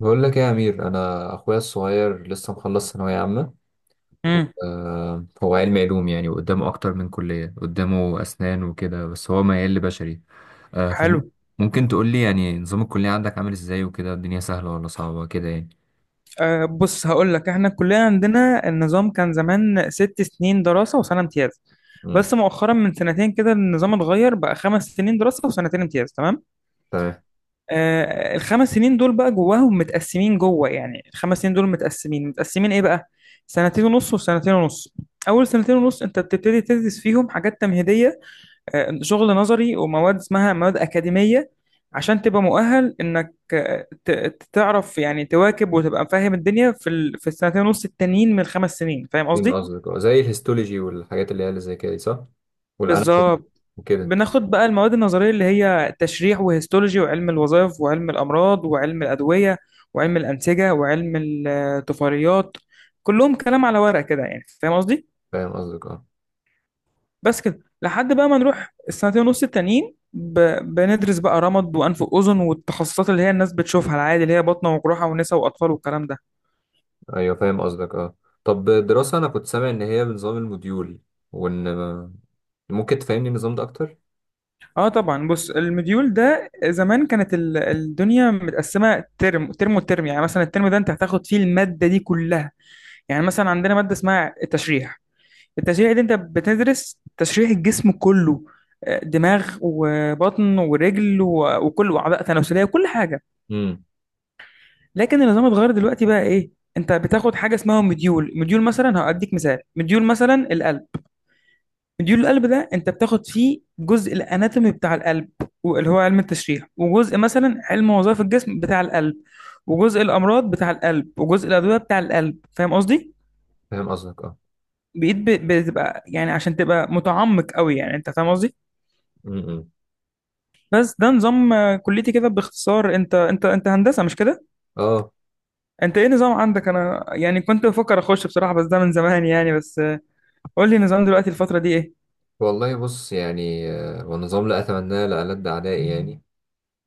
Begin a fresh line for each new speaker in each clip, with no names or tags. بقول لك ايه يا امير، انا اخويا الصغير لسه مخلص ثانويه عامه. و-
امم
هو علمي علوم يعني، وقدامه اكتر من كليه، قدامه اسنان وكده، بس هو ميال لبشري.
حلو.
فممكن تقول لي يعني نظام الكليه عندك عامل ازاي وكده؟ الدنيا سهله ولا صعبه كده يعني؟
أه، بص، هقول لك، احنا كلنا عندنا النظام كان زمان 6 سنين دراسة وسنة امتياز.
امم.
بس مؤخرا من سنتين كده النظام اتغير، بقى خمس سنين دراسة وسنتين امتياز، تمام.
تمام.
أه، الخمس سنين دول بقى جواهم متقسمين جوه، يعني الخمس سنين دول متقسمين ايه بقى؟ سنتين ونص وسنتين ونص. اول سنتين ونص انت بتبتدي تدرس فيهم حاجات تمهيدية، شغل نظري ومواد اسمها مواد أكاديمية، عشان تبقى مؤهل إنك تعرف يعني تواكب وتبقى فاهم الدنيا في في السنتين ونص التانيين من الخمس سنين. فاهم
فاهم
قصدي؟
قصدك اه، زي الهيستولوجي والحاجات اللي هي اللي زي كده دي، صح. والاناتومي
بالظبط.
وكده.
بناخد بقى المواد النظرية اللي هي تشريح وهيستولوجي وعلم الوظائف وعلم الأمراض وعلم الأدوية وعلم الأنسجة وعلم الطفيليات. كلهم كلام على ورق كده يعني، فاهم قصدي؟
فاهم قصدك اه.
بس كده لحد بقى ما نروح السنتين ونص التانيين بندرس بقى رمد وانف واذن والتخصصات اللي هي الناس بتشوفها العادي، اللي هي باطنه وجراحه ونساء واطفال والكلام ده.
ايوه فاهم قصدك اه. طب الدراسه، انا كنت سامع ان هي بنظام الموديول، وان ممكن تفهمني النظام ده اكتر؟
اه طبعا، بص، المديول ده زمان كانت الدنيا متقسمه ترم ترم وترم، يعني مثلا الترم ده انت هتاخد فيه الماده دي كلها. يعني مثلا عندنا ماده اسمها التشريح. التشريح دي انت بتدرس تشريح الجسم كله، دماغ وبطن ورجل وكل واعضاء تناسليه، كل حاجه. لكن النظام اتغير دلوقتي، بقى ايه؟ انت بتاخد حاجه اسمها مديول مثلا، هاديك مثال، مديول مثلا القلب. مديول القلب ده انت بتاخد فيه جزء الاناتومي بتاع القلب، اللي هو علم التشريح، وجزء مثلا علم وظائف الجسم بتاع القلب، وجزء الامراض بتاع القلب، وجزء الادويه بتاع القلب. فاهم قصدي؟
فاهم قصدك اه.
بتبقى يعني عشان تبقى متعمق قوي يعني. انت فاهم قصدي؟
م-م.
بس ده نظام كليتي كده باختصار. انت هندسه مش كده؟
اه.
انت ايه نظام عندك؟ انا يعني كنت بفكر اخش بصراحه، بس ده من زمان يعني. بس قول لي نظام دلوقتي، الفترة دي ايه؟
والله بص يعني، والنظام لا اتمناه لألد اعدائي يعني.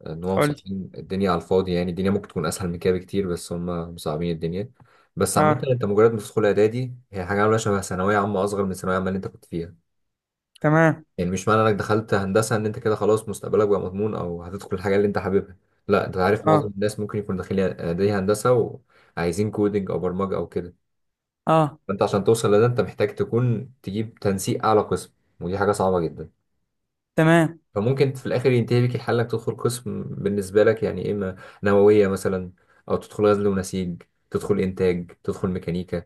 ان هم
قول لي.
مصعبين الدنيا على الفاضي، يعني الدنيا ممكن تكون اسهل من كده بكتير، بس هم مصعبين الدنيا. بس عامة
اه،
انت مجرد ما تدخل اعدادي، هي حاجة عاملة شبه ثانوية عامة، اصغر من الثانوية عامة اللي انت كنت فيها.
تمام.
يعني مش معنى انك دخلت هندسة ان انت كده خلاص مستقبلك بقى مضمون او هتدخل الحاجة اللي انت حاببها. لا، انت عارف معظم
اه،
الناس ممكن يكون داخلين اعدادي هندسة، وعايزين كودينج او برمجة او كده.
اه،
انت عشان توصل لده انت محتاج تكون تجيب تنسيق اعلى قسم، ودي حاجه صعبه جدا.
تمام.
فممكن في الاخر ينتهي بيك الحل انك تدخل قسم بالنسبه لك يعني، اما نوويه مثلا، او تدخل غزل ونسيج، تدخل انتاج، تدخل ميكانيكا.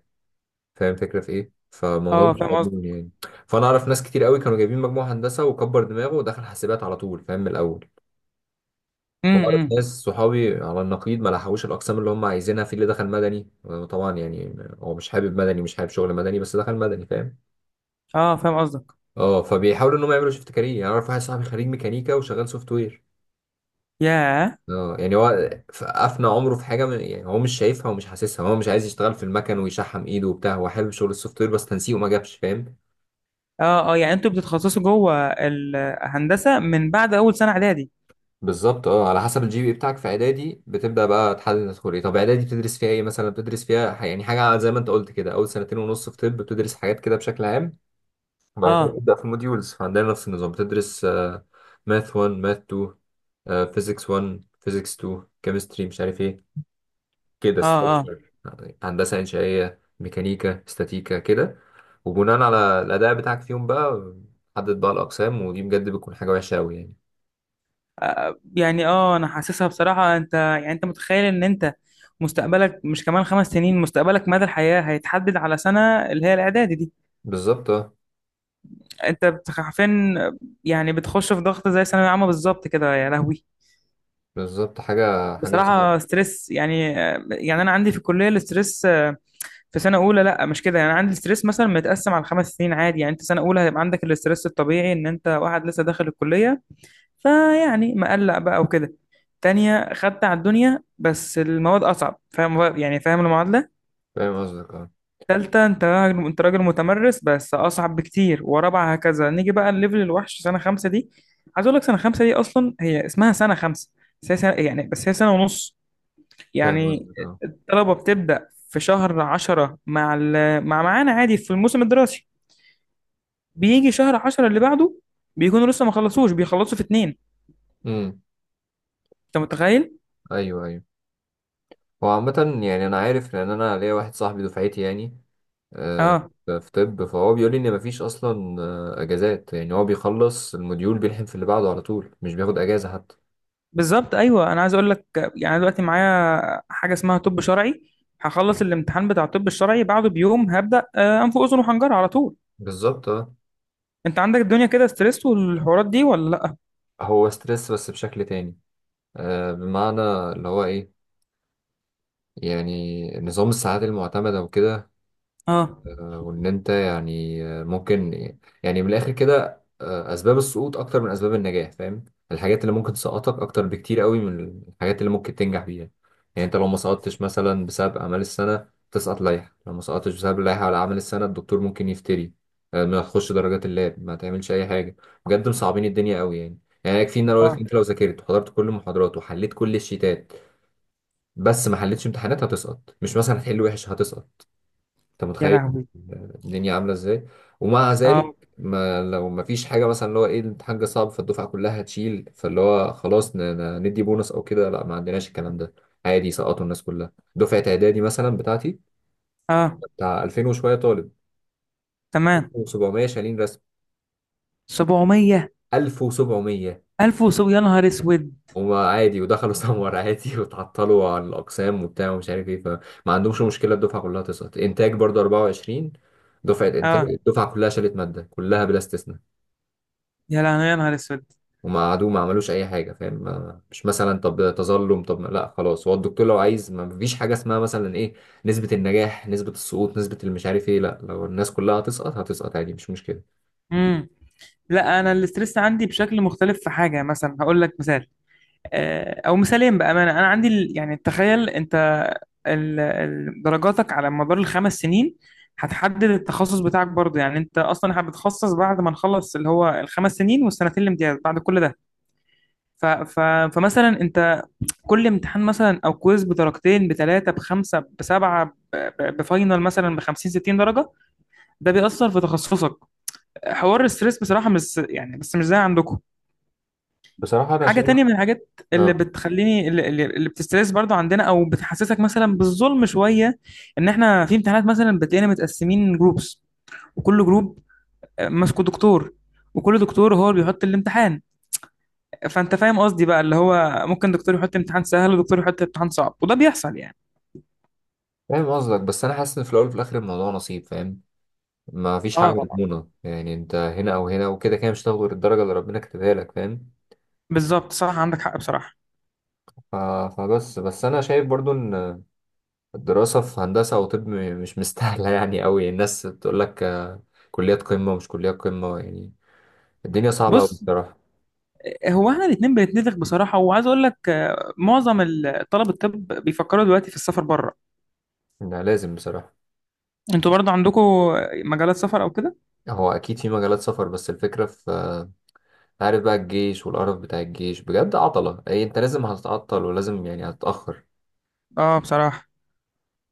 فاهم الفكره في ايه؟ فالموضوع
اه،
مش
فاهم
مضمون
قصدك.
يعني. فانا اعرف ناس كتير قوي كانوا جايبين مجموع هندسه وكبر دماغه ودخل حاسبات على طول، فاهم من الاول.
امم،
واعرف
إمم.
ناس صحابي على النقيض ما لحقوش الاقسام اللي هم عايزينها، في اللي دخل مدني، وطبعا يعني هو مش حابب مدني، مش حابب شغل مدني، بس دخل مدني، فاهم؟
اه، فاهم قصدك.
اه، فبيحاولوا ان هم يعملوا شيفت كارير يعني. اعرف واحد صاحبي خريج ميكانيكا وشغال سوفت وير.
ياه.
اه يعني هو افنى عمره في حاجه من يعني هو مش شايفها ومش حاسسها، هو مش عايز يشتغل في المكن ويشحم ايده وبتاع، هو حابب شغل السوفت وير بس تنسيقه ما جابش، فاهم؟
اه، اه، يعني انتوا بتتخصصوا جوه الهندسة من بعد اول سنة اعدادي.
بالظبط اه، على حسب الجي بي بتاعك في اعدادي، بتبدا بقى تحدد تدخل ايه. طب اعدادي بتدرس فيها ايه مثلا؟ بتدرس فيها يعني حاجه زي ما انت قلت كده، اول سنتين ونص في طب بتدرس حاجات كده بشكل عام، وبعد كده
اه.
بتبدا في الموديولز. فعندنا نفس النظام، بتدرس ماث 1 ماث 2، فيزيكس 1 فيزيكس 2، كيمستري مش عارف ايه، كده
اه. اه،
ستراكشر، هندسه انشائيه، ميكانيكا، استاتيكا كده. وبناء على الاداء بتاعك فيهم بقى، حدد بقى الاقسام. ودي بجد بتكون حاجه وحشه قوي يعني.
يعني اه انا حاسسها بصراحة. انت يعني انت متخيل ان انت مستقبلك مش كمان خمس سنين، مستقبلك مدى الحياة هيتحدد على سنة، اللي هي الاعدادي دي.
بالظبط اه،
انت حرفيا يعني بتخش في ضغط زي ثانوية عامة بالظبط كده، يا لهوي.
بالظبط. حاجه
بصراحة
صعبه.
ستريس يعني. يعني أنا عندي في الكلية الاستريس في سنة أولى لا مش كده يعني. عندي الاستريس مثلا متقسم على خمس سنين عادي. يعني أنت سنة أولى هيبقى عندك الاستريس الطبيعي إن أنت واحد لسه داخل الكلية، فيعني مقلق بقى وكده. تانية خدت على الدنيا بس المواد أصعب، فاهم يعني فاهم المعادلة.
فاهم قصدك اه.
تالتة أنت راجل، أنت راجل متمرس بس أصعب بكتير. ورابعة هكذا. نيجي بقى الليفل الوحش، سنة خمسة دي. عايز أقول لك سنة خمسة دي أصلا هي اسمها سنة خمسة، بس هي سنة يعني، بس هي سنة ونص
فاهم
يعني.
قصدك اه.
الطلبة بتبدأ في شهر 10 مع مع معانا عادي في الموسم الدراسي، بيجي شهر 10 اللي بعده بيكونوا لسه ما خلصوش، بيخلصوا في اتنين.
امم.
انت متخيل؟
ايوه ايوه. هو عامه يعني انا عارف، لان انا ليا واحد صاحبي دفعتي يعني، آه،
اه،
في طب، فهو بيقول لي ان مفيش اصلا اجازات، يعني هو بيخلص الموديول بيلحم في اللي بعده على طول، مش بياخد اجازه حتى.
بالظبط. ايوه، انا عايز اقول لك يعني أنا دلوقتي معايا حاجة اسمها طب شرعي، هخلص الامتحان بتاع الطب الشرعي بعده بيوم هبدأ انف واذن وحنجرة على طول.
بالظبط اه.
انت عندك الدنيا كده ستريس والحوارات دي ولا لا؟
هو ستريس بس بشكل تاني، بمعنى اللي هو ايه، يعني نظام الساعات المعتمدة وكده،
اه.
وان انت يعني ممكن، يعني من الاخر كده، اسباب السقوط اكتر من اسباب النجاح، فاهم؟ الحاجات اللي ممكن تسقطك اكتر بكتير قوي من الحاجات اللي ممكن تنجح بيها. يعني انت لو ما سقطتش مثلا بسبب اعمال السنة، تسقط لائحة. لو ما سقطتش بسبب اللائحة على اعمال السنة، الدكتور ممكن يفتري، ما تخش درجات اللاب، ما تعملش اي حاجة. بجد مصعبين الدنيا قوي يعني. يعني يكفي ان انا اقول لك،
اه،
انت لو ذاكرت وحضرت كل المحاضرات وحليت كل الشيتات، بس ما حلتش امتحانات هتسقط. مش مثلا هتحل وحش، هتسقط. انت
يا
متخيل
لهوي.
الدنيا عامله ازاي؟ ومع ذلك،
اه،
ما لو ما فيش حاجه مثلا، اللي هو ايه، الامتحان جه صعب فالدفعه كلها هتشيل، فاللي هو خلاص ندي بونص او كده، لا، ما عندناش الكلام ده. عادي سقطوا الناس كلها. دفعه اعدادي مثلا بتاعتي،
اه،
بتاع 2000 وشويه طالب،
تمام.
1700 شايلين رسم.
700،
1700
1000 يا نهار اسود.
هما عادي، ودخلوا سمر عادي، وتعطلوا عن الأقسام وبتاع ومش عارف ايه، فما عندهمش مشكلة الدفعة كلها تسقط. إنتاج برضه 24، دفعة إنتاج
اه،
الدفعة كلها شالت مادة كلها بلا استثناء.
يا لهوي، يا نهار اسود.
هما قعدوا ما عملوش أي حاجة، فاهم؟ مش مثلا طب تظلم، طب لا خلاص، هو الدكتور لو عايز ما فيش حاجة اسمها مثلا ايه، نسبة النجاح، نسبة السقوط، نسبة المش عارف ايه. لا، لو الناس كلها هتسقط هتسقط عادي، مش مشكلة.
امم. لا، انا الاسترس عندي بشكل مختلف. في حاجه مثلا هقول لك مثال، او مثالين، بامانه انا عندي يعني تخيل انت درجاتك على مدار الخمس سنين هتحدد التخصص بتاعك برضه. يعني انت اصلا هتتخصص بعد ما نخلص اللي هو الخمس سنين والسنتين الامتياز، بعد كل ده. ف ف فمثلا انت كل امتحان مثلا او كويز بدرجتين بثلاثه بخمسه بسبعه، بفاينل مثلا ب 50 60 درجه، ده بيأثر في تخصصك. حوار الستريس بصراحه مش يعني، بس مش زي عندكم.
بصراحة أنا
حاجة
شايف.
تانية من الحاجات اللي
اه
بتخليني، اللي بتسترس برضو عندنا، أو بتحسسك مثلا بالظلم شوية، إن إحنا في امتحانات مثلا بتلاقينا متقسمين جروبس، وكل جروب ماسكه دكتور، وكل دكتور هو اللي بيحط الامتحان. فأنت فاهم قصدي بقى، اللي هو ممكن دكتور يحط امتحان سهل ودكتور يحط امتحان صعب، وده بيحصل يعني.
فاهم قصدك، بس أنا حاسس إن في الأول وفي الآخر الموضوع نصيب، فاهم؟ ما فيش حاجة
اه طبعا.
مضمونة، يعني انت هنا او هنا وكده كده مش هتاخد غير الدرجة اللي ربنا كاتبها لك، فاهم؟
بالظبط، صح، عندك حق بصراحة.
ف- فبس انا شايف برضو ان الدراسة في هندسة او طب مش مستاهلة يعني قوي. الناس بتقول لك كليات قمة ومش كليات قمة، يعني الدنيا صعبة قوي
بص،
بصراحة.
هو احنا الاتنين بنتنفخ بصراحة. وعايز اقول لك معظم طلب الطب بيفكروا دلوقتي في السفر بره.
لا لازم بصراحة.
انتوا برضو عندكم مجالات سفر او كده؟
هو اكيد في مجالات سفر، بس الفكرة في عارف بقى، الجيش والقرف بتاع الجيش بجد عطلة. اي انت لازم هتتعطل ولازم يعني هتتأخر.
اه، بصراحة.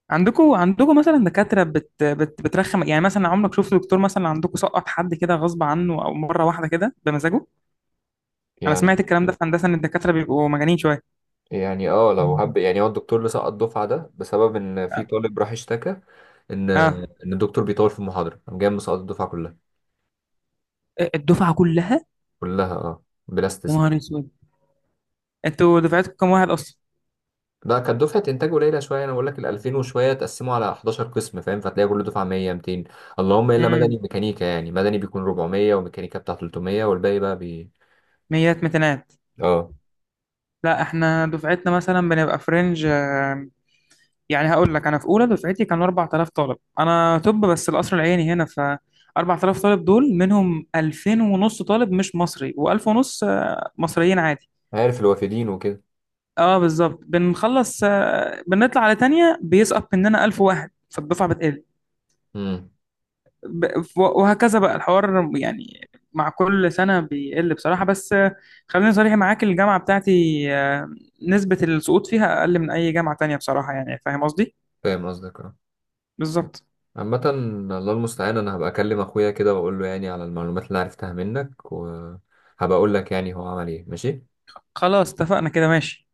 عندكم مثلا دكاترة بترخم يعني؟ مثلا عمرك شفت دكتور مثلا عندكم سقط حد كده غصب عنه، او مرة واحدة كده بمزاجه؟ انا
يعني
سمعت الكلام ده في هندسة، ان الدكاترة بيبقوا مجانين شوية.
يعني اه، لو هب يعني هو الدكتور اللي سقط الدفعه ده بسبب ان في
اه.
طالب راح اشتكى ان
آه.
ان الدكتور بيطول في المحاضره، قام جاي مسقط الدفعه كلها.
الدفعة كلها.
كلها اه بلا
يا
استثناء.
نهار اسود. انتوا دفعتكم كام واحد اصلا؟
لا كانت دفعه انتاج قليله شويه. انا بقول لك ال 2000 وشويه تقسموا على 11 قسم، فاهم؟ فتلاقي كل دفعه 100 200، اللهم الا مدني
امم.
وميكانيكا. يعني مدني بيكون 400 وميكانيكا بتاع 300 والباقي بقى
ميات متنات.
اه،
لا، احنا دفعتنا مثلا بنبقى فرنج. يعني هقول لك، انا في اولى دفعتي كانوا 4000 طالب. انا طب بس، القصر العيني هنا. ف 4000 طالب دول، منهم 2000 ونص طالب مش مصري، و1000 ونص مصريين عادي.
عارف الوافدين وكده.
اه، بالظبط. بنخلص، بنطلع على تانية بيسقط مننا 1000 واحد، فالدفعة بتقل،
امم.
وهكذا بقى الحوار يعني، مع كل سنة بيقل بصراحة. بس خليني صريح معاك، الجامعة بتاعتي نسبة السقوط فيها أقل من أي جامعة تانية بصراحة يعني. فاهم قصدي؟
فاهم قصدك آه.
بالظبط.
عامة الله المستعان، انا هبقى اكلم اخويا كده واقول له يعني على المعلومات اللي أنا عرفتها منك، وهبقى اقول لك يعني هو عمل ايه. ماشي.
خلاص، اتفقنا كده، ماشي.